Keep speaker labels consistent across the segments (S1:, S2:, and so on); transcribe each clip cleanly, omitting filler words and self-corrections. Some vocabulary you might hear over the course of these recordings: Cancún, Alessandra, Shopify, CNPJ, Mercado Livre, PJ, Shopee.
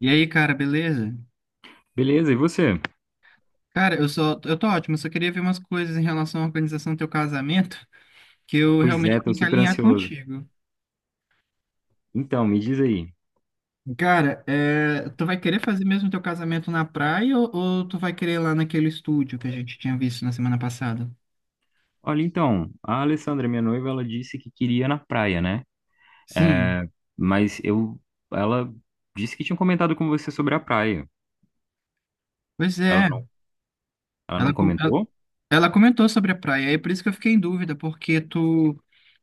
S1: E aí, cara, beleza?
S2: Beleza, e você?
S1: Cara, eu tô ótimo, eu só queria ver umas coisas em relação à organização do teu casamento, que eu
S2: Pois
S1: realmente
S2: é, tô
S1: tenho que
S2: super
S1: alinhar
S2: ansioso.
S1: contigo.
S2: Então, me diz aí.
S1: Cara, tu vai querer fazer mesmo teu casamento na praia ou tu vai querer ir lá naquele estúdio que a gente tinha visto na semana passada?
S2: Olha, então, a Alessandra, minha noiva, ela disse que queria ir na praia, né?
S1: Sim,
S2: É, mas eu, ela disse que tinha comentado com você sobre a praia.
S1: pois
S2: Ela
S1: é.
S2: não, ela não
S1: Ela, com- ela,
S2: comentou?
S1: ela comentou sobre a praia, e é por isso que eu fiquei em dúvida, porque tu,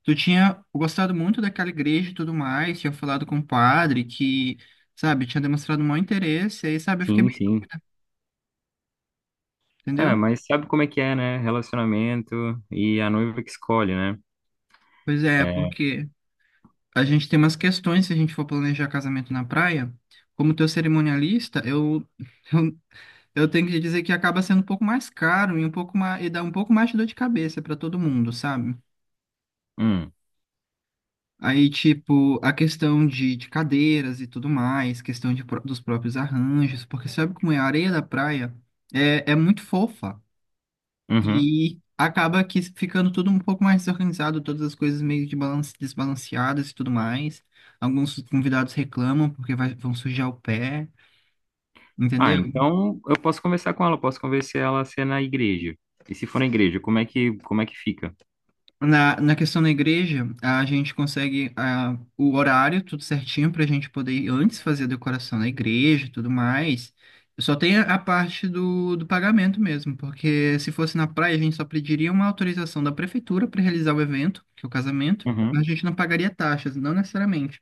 S1: tu tinha gostado muito daquela igreja e tudo mais, tinha falado com o padre que, sabe, tinha demonstrado um mau interesse, aí, sabe, eu fiquei
S2: Sim,
S1: meio,
S2: sim. É,
S1: entendeu?
S2: mas sabe como é que é, né? Relacionamento e a noiva que escolhe, né?
S1: Pois é,
S2: É,
S1: porque a gente tem umas questões se a gente for planejar casamento na praia. Como teu cerimonialista, eu, eu tenho que dizer que acaba sendo um pouco mais caro e um pouco mais, e dá um pouco mais de dor de cabeça para todo mundo, sabe?
S2: hum,
S1: Aí, tipo, a questão de cadeiras e tudo mais, questão dos próprios arranjos, porque sabe como é? A areia da praia é muito fofa.
S2: uhum.
S1: E acaba que ficando tudo um pouco mais desorganizado, todas as coisas meio de balance, desbalanceadas e tudo mais. Alguns convidados reclamam porque vão sujar o pé,
S2: Ah,
S1: entendeu?
S2: então eu posso conversar com ela, posso convencer ela a ser na igreja. E se for na igreja, como é que fica?
S1: Na questão da igreja, a gente consegue o horário tudo certinho para a gente poder ir antes fazer a decoração da igreja e tudo mais. Só tem a parte do pagamento mesmo, porque se fosse na praia, a gente só pediria uma autorização da prefeitura para realizar o evento, que é o casamento. A
S2: Uhum.
S1: gente não pagaria taxas, não necessariamente.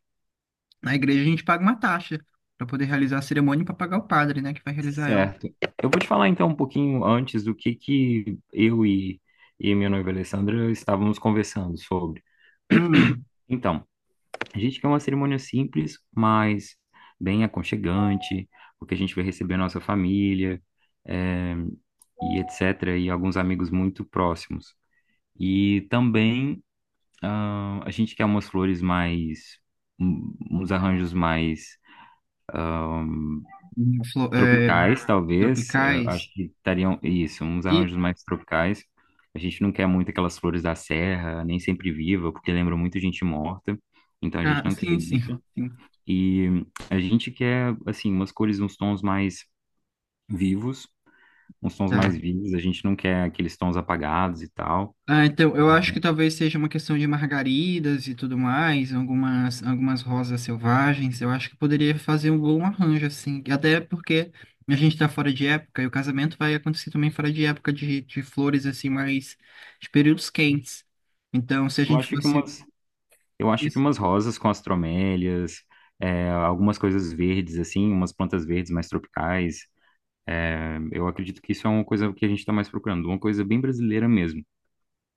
S1: Na igreja a gente paga uma taxa para poder realizar a cerimônia e para pagar o padre, né, que vai realizar ela.
S2: Certo. Eu vou te falar então um pouquinho antes do que eu e minha noiva Alessandra estávamos conversando sobre.
S1: Hum.
S2: Então, a gente quer uma cerimônia simples, mas bem aconchegante, porque a gente vai receber a nossa família, eh, e etc., e alguns amigos muito próximos. E também, ah, a gente quer umas flores mais, uns arranjos mais
S1: flo- é,
S2: tropicais, talvez. Eu acho
S1: Tropicais.
S2: que estariam, isso, uns
S1: E
S2: arranjos mais tropicais. A gente não quer muito aquelas flores da serra, nem sempre viva, porque lembram muito gente morta. Então a gente não quer
S1: sim, sim,
S2: isso.
S1: sim.
S2: E a gente quer, assim, umas cores, uns tons mais vivos, uns tons mais
S1: Tá.
S2: vivos. A gente não quer aqueles tons apagados e tal.
S1: Ah, então eu acho que talvez seja uma questão de margaridas e tudo mais, algumas rosas selvagens. Eu acho que poderia fazer um bom arranjo assim, e até porque a gente está fora de época e o casamento vai acontecer também fora de época de flores assim mais de períodos quentes. Então, se a
S2: Eu
S1: gente
S2: acho que
S1: fosse.
S2: umas, eu acho que umas rosas com as tromélias, é, algumas coisas verdes, assim, umas plantas verdes mais tropicais. Eu acredito que isso é uma coisa que a gente está mais procurando, uma coisa bem brasileira mesmo,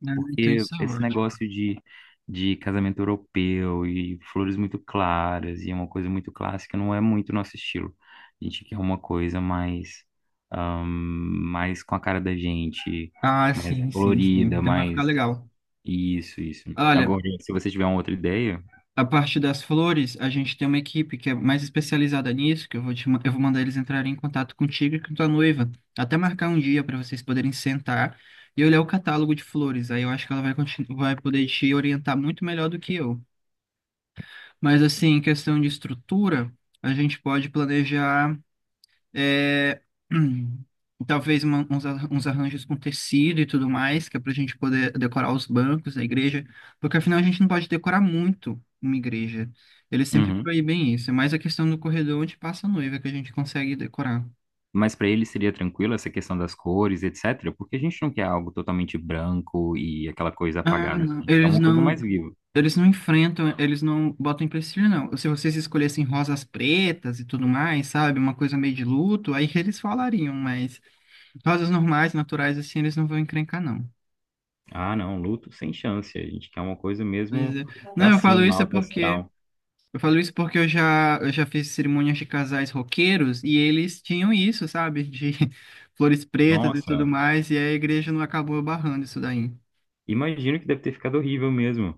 S1: Ah, então
S2: porque
S1: isso é
S2: esse
S1: ótimo.
S2: negócio de casamento europeu e flores muito claras e é uma coisa muito clássica não é muito nosso estilo. A gente quer uma coisa mais, mais com a cara da gente,
S1: Ah,
S2: mais
S1: sim, sim, sim.
S2: colorida,
S1: Então vai ficar
S2: mais
S1: legal.
S2: isso, isso.
S1: Olha,
S2: Agora, se você tiver uma outra ideia,
S1: a parte das flores, a gente tem uma equipe que é mais especializada nisso, que eu vou mandar eles entrarem em contato contigo e com tua noiva. Até marcar um dia para vocês poderem sentar e olhar o catálogo de flores. Aí eu acho que ela vai poder te orientar muito melhor do que eu. Mas assim, em questão de estrutura, a gente pode planejar. É, hum, talvez uns arranjos com tecido e tudo mais, que é para a gente poder decorar os bancos da igreja, porque afinal a gente não pode decorar muito uma igreja. Eles sempre
S2: uhum.
S1: proíbem isso, é mais a questão do corredor onde passa a noiva que a gente consegue decorar.
S2: Mas para ele seria tranquilo essa questão das cores, etc. Porque a gente não quer algo totalmente branco e aquela coisa
S1: Ah,
S2: apagada. A
S1: não,
S2: gente quer
S1: eles
S2: uma coisa mais
S1: não.
S2: viva.
S1: Eles não enfrentam, eles não botam empecilho, não. Se vocês escolhessem rosas pretas e tudo mais, sabe? Uma coisa meio de luto, aí eles falariam, mas rosas normais, naturais, assim, eles não vão encrencar, não.
S2: Ah, não, luto sem chance. A gente quer uma coisa
S1: Pois
S2: mesmo
S1: é. Não,
S2: pra cima, alto astral.
S1: eu falo isso porque eu já fiz cerimônias de casais roqueiros e eles tinham isso, sabe? De flores pretas e tudo
S2: Nossa,
S1: mais, e a igreja não acabou barrando isso daí.
S2: imagino que deve ter ficado horrível mesmo.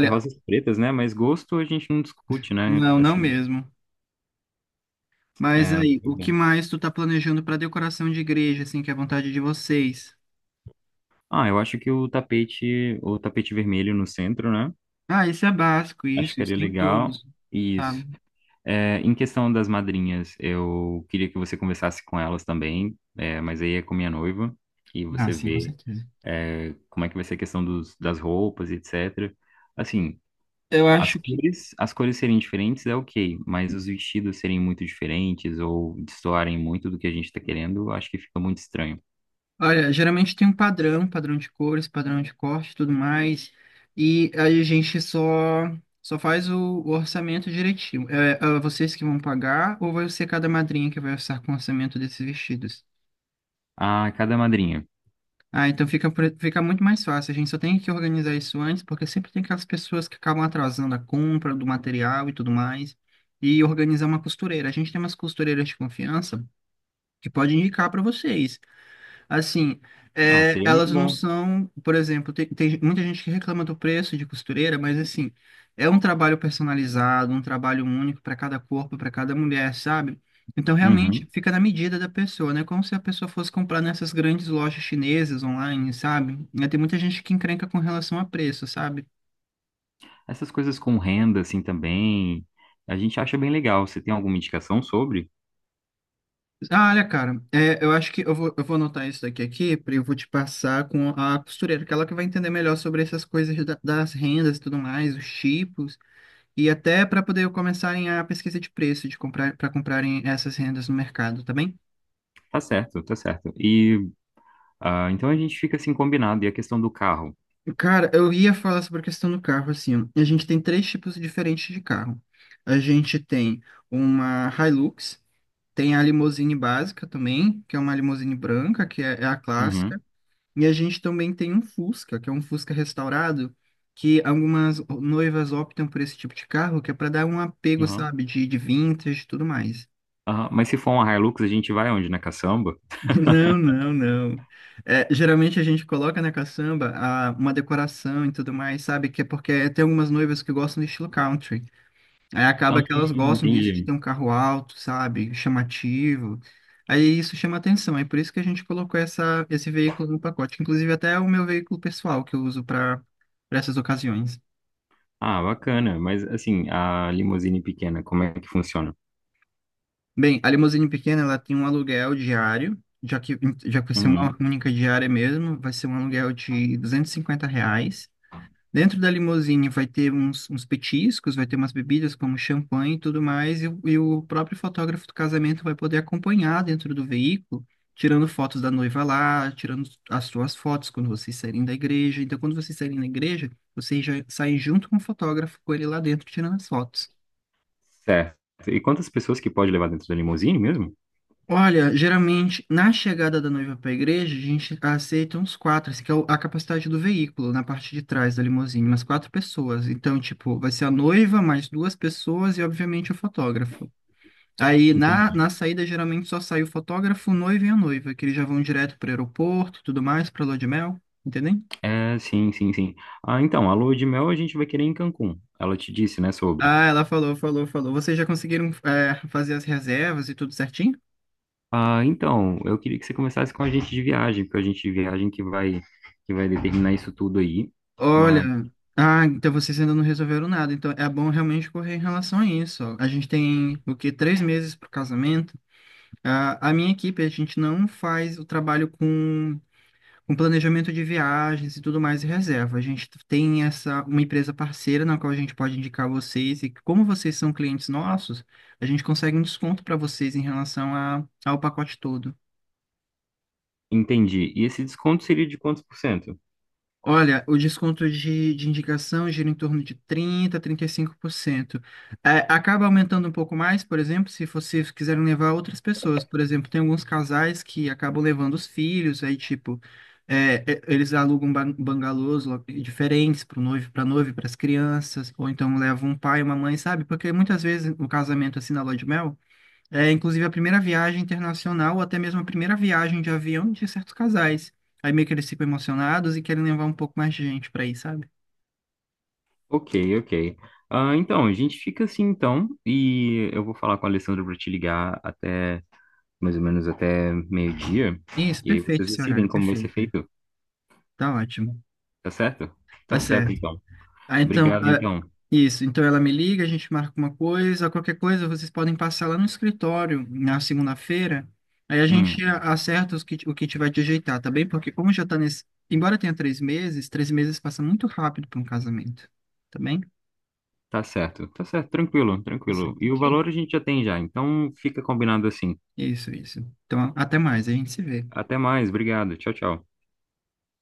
S2: E rosas pretas, né? Mas gosto a gente não discute, né?
S1: não, não
S2: Assim,
S1: mesmo. Mas
S2: é,
S1: aí, o
S2: pois
S1: que
S2: é.
S1: mais tu tá planejando para decoração de igreja, assim, que é a vontade de vocês?
S2: Ah, eu acho que o tapete vermelho no centro, né?
S1: Ah, isso é básico,
S2: Acho que
S1: isso
S2: seria
S1: tem
S2: legal.
S1: todos, sabe?
S2: Isso. É, em questão das madrinhas, eu queria que você conversasse com elas também, é, mas aí é com minha noiva, e
S1: Ah,
S2: você
S1: sim, com
S2: vê,
S1: certeza.
S2: é, como é que vai ser a questão dos, das roupas, etc. Assim,
S1: Eu acho que
S2: as cores serem diferentes é ok, mas os vestidos serem muito diferentes ou destoarem muito do que a gente está querendo, eu acho que fica muito estranho.
S1: olha, geralmente tem um padrão, padrão de cores, padrão de corte, e tudo mais, e aí a gente só faz o orçamento direitinho. É vocês que vão pagar ou vai ser cada madrinha que vai orçar com o orçamento desses vestidos?
S2: Ah, cada madrinha.
S1: Ah, então fica muito mais fácil. A gente só tem que organizar isso antes, porque sempre tem aquelas pessoas que acabam atrasando a compra do material e tudo mais, e organizar uma costureira. A gente tem umas costureiras de confiança que pode indicar para vocês. Assim,
S2: Ah, seria muito
S1: elas não
S2: bom.
S1: são, por exemplo, tem muita gente que reclama do preço de costureira, mas assim, é um trabalho personalizado, um trabalho único para cada corpo, para cada mulher, sabe? Então realmente
S2: Uhum.
S1: fica na medida da pessoa, né? Como se a pessoa fosse comprar nessas grandes lojas chinesas online, sabe? Né, tem muita gente que encrenca com relação a preço, sabe?
S2: Essas coisas com renda, assim, também, a gente acha bem legal. Você tem alguma indicação sobre?
S1: Ah, olha, cara, eu acho que eu vou anotar isso daqui aqui, eu vou te passar com a costureira, que ela que vai entender melhor sobre essas coisas das rendas e tudo mais, os tipos. E até para poder começarem a pesquisa de preço de comprar para comprarem essas rendas no mercado, tá bem?
S2: Tá certo, tá certo. E ah, então a gente fica assim combinado. E a questão do carro?
S1: Cara, eu ia falar sobre a questão do carro assim. A gente tem três tipos diferentes de carro. A gente tem uma Hilux, tem a limousine básica também, que é uma limousine branca, que é a clássica,
S2: Uhum,
S1: e a gente também tem um Fusca, que é um Fusca restaurado, que algumas noivas optam por esse tipo de carro, que é para dar um apego,
S2: uhum,
S1: sabe, de vintage e tudo mais.
S2: aham. Mas se for uma Hilux, a gente vai onde? Na caçamba?
S1: Não, não, não. É, geralmente a gente coloca na caçamba uma decoração e tudo mais, sabe? Que é porque tem algumas noivas que gostam do estilo country. Aí
S2: Ah,
S1: acaba que elas gostam disso, de ter
S2: entendi.
S1: um carro alto, sabe? Chamativo. Aí isso chama atenção. É por isso que a gente colocou esse veículo no pacote. Inclusive até é o meu veículo pessoal que eu uso para essas ocasiões.
S2: Ah, bacana. Mas assim, a limusine pequena, como é que funciona?
S1: Bem, a limusine pequena, ela tem um aluguel diário. Já que vai ser uma
S2: Uhum,
S1: única diária mesmo, vai ser um aluguel de R$ 250 reais. Dentro da limusine vai ter uns petiscos, vai ter umas bebidas como champanhe e tudo mais, e o próprio fotógrafo do casamento vai poder acompanhar dentro do veículo, tirando fotos da noiva lá, tirando as suas fotos quando vocês saírem da igreja. Então, quando vocês saírem da igreja, vocês já saem junto com o fotógrafo, com ele lá dentro, tirando as fotos.
S2: certo. E quantas pessoas que pode levar dentro da limusine mesmo?
S1: Olha, geralmente na chegada da noiva para a igreja, a gente aceita uns quatro, assim, que é a capacidade do veículo, na parte de trás da limusine, umas quatro pessoas. Então, tipo, vai ser a noiva, mais duas pessoas e, obviamente, o fotógrafo. Aí na
S2: Entendi.
S1: saída, geralmente só sai o fotógrafo, o noivo e a noiva, que eles já vão direto para o aeroporto e tudo mais, para lua de mel, entendeu?
S2: É, sim, sim, sim. Ah, então, a lua de mel a gente vai querer em Cancún. Ela te disse, né, sobre.
S1: Ah, ela falou, falou, falou. Vocês já conseguiram, fazer as reservas e tudo certinho?
S2: Ah, então, eu queria que você começasse com a gente de viagem, porque a gente de viagem que vai determinar isso tudo aí.
S1: Olha, então vocês ainda não resolveram nada, então é bom realmente correr em relação a isso. Ó. A gente tem o quê? 3 meses para o casamento. Ah, a minha equipe, a gente não faz o trabalho com planejamento de viagens e tudo mais e reserva. A gente tem essa uma empresa parceira na qual a gente pode indicar vocês, e como vocês são clientes nossos, a gente consegue um desconto para vocês em relação ao pacote todo.
S2: Entendi. E esse desconto seria de quantos por cento?
S1: Olha, o desconto de indicação gira em torno de 30, 35%. É, acaba aumentando um pouco mais, por exemplo, se vocês quiserem levar outras pessoas. Por exemplo, tem alguns casais que acabam levando os filhos, aí, tipo, eles alugam bangalôs diferentes para o noivo, para noiva e para as crianças, ou então levam um pai e uma mãe, sabe? Porque muitas vezes o casamento, é assim, na lua de mel, inclusive a primeira viagem internacional, ou até mesmo a primeira viagem de avião de certos casais. Aí meio que eles ficam emocionados e querem levar um pouco mais de gente para aí sabe?
S2: Ok, ok. Ah, então, a gente fica assim então, e eu vou falar com a Alessandra para te ligar até mais ou menos até meio-dia,
S1: Isso,
S2: e aí
S1: perfeito
S2: vocês
S1: esse
S2: decidem
S1: horário,
S2: como vai ser
S1: perfeito.
S2: feito,
S1: Tá ótimo.
S2: tá certo?
S1: Tá
S2: Tá certo,
S1: certo.
S2: então.
S1: Ah, então,
S2: Obrigado, então.
S1: isso. Então ela me liga, a gente marca uma coisa, qualquer coisa, vocês podem passar lá no escritório na segunda-feira. Aí a
S2: Hum,
S1: gente acerta o que tiver de ajeitar, tá bem? Porque como já tá nesse. Embora tenha 3 meses, 3 meses passa muito rápido para um casamento, tá bem?
S2: tá certo, tranquilo,
S1: Tá
S2: tranquilo.
S1: certo.
S2: E o valor a gente já tem já, então fica combinado assim.
S1: Isso, isso. Então, até mais, a gente se vê.
S2: Até mais, obrigado. Tchau, tchau.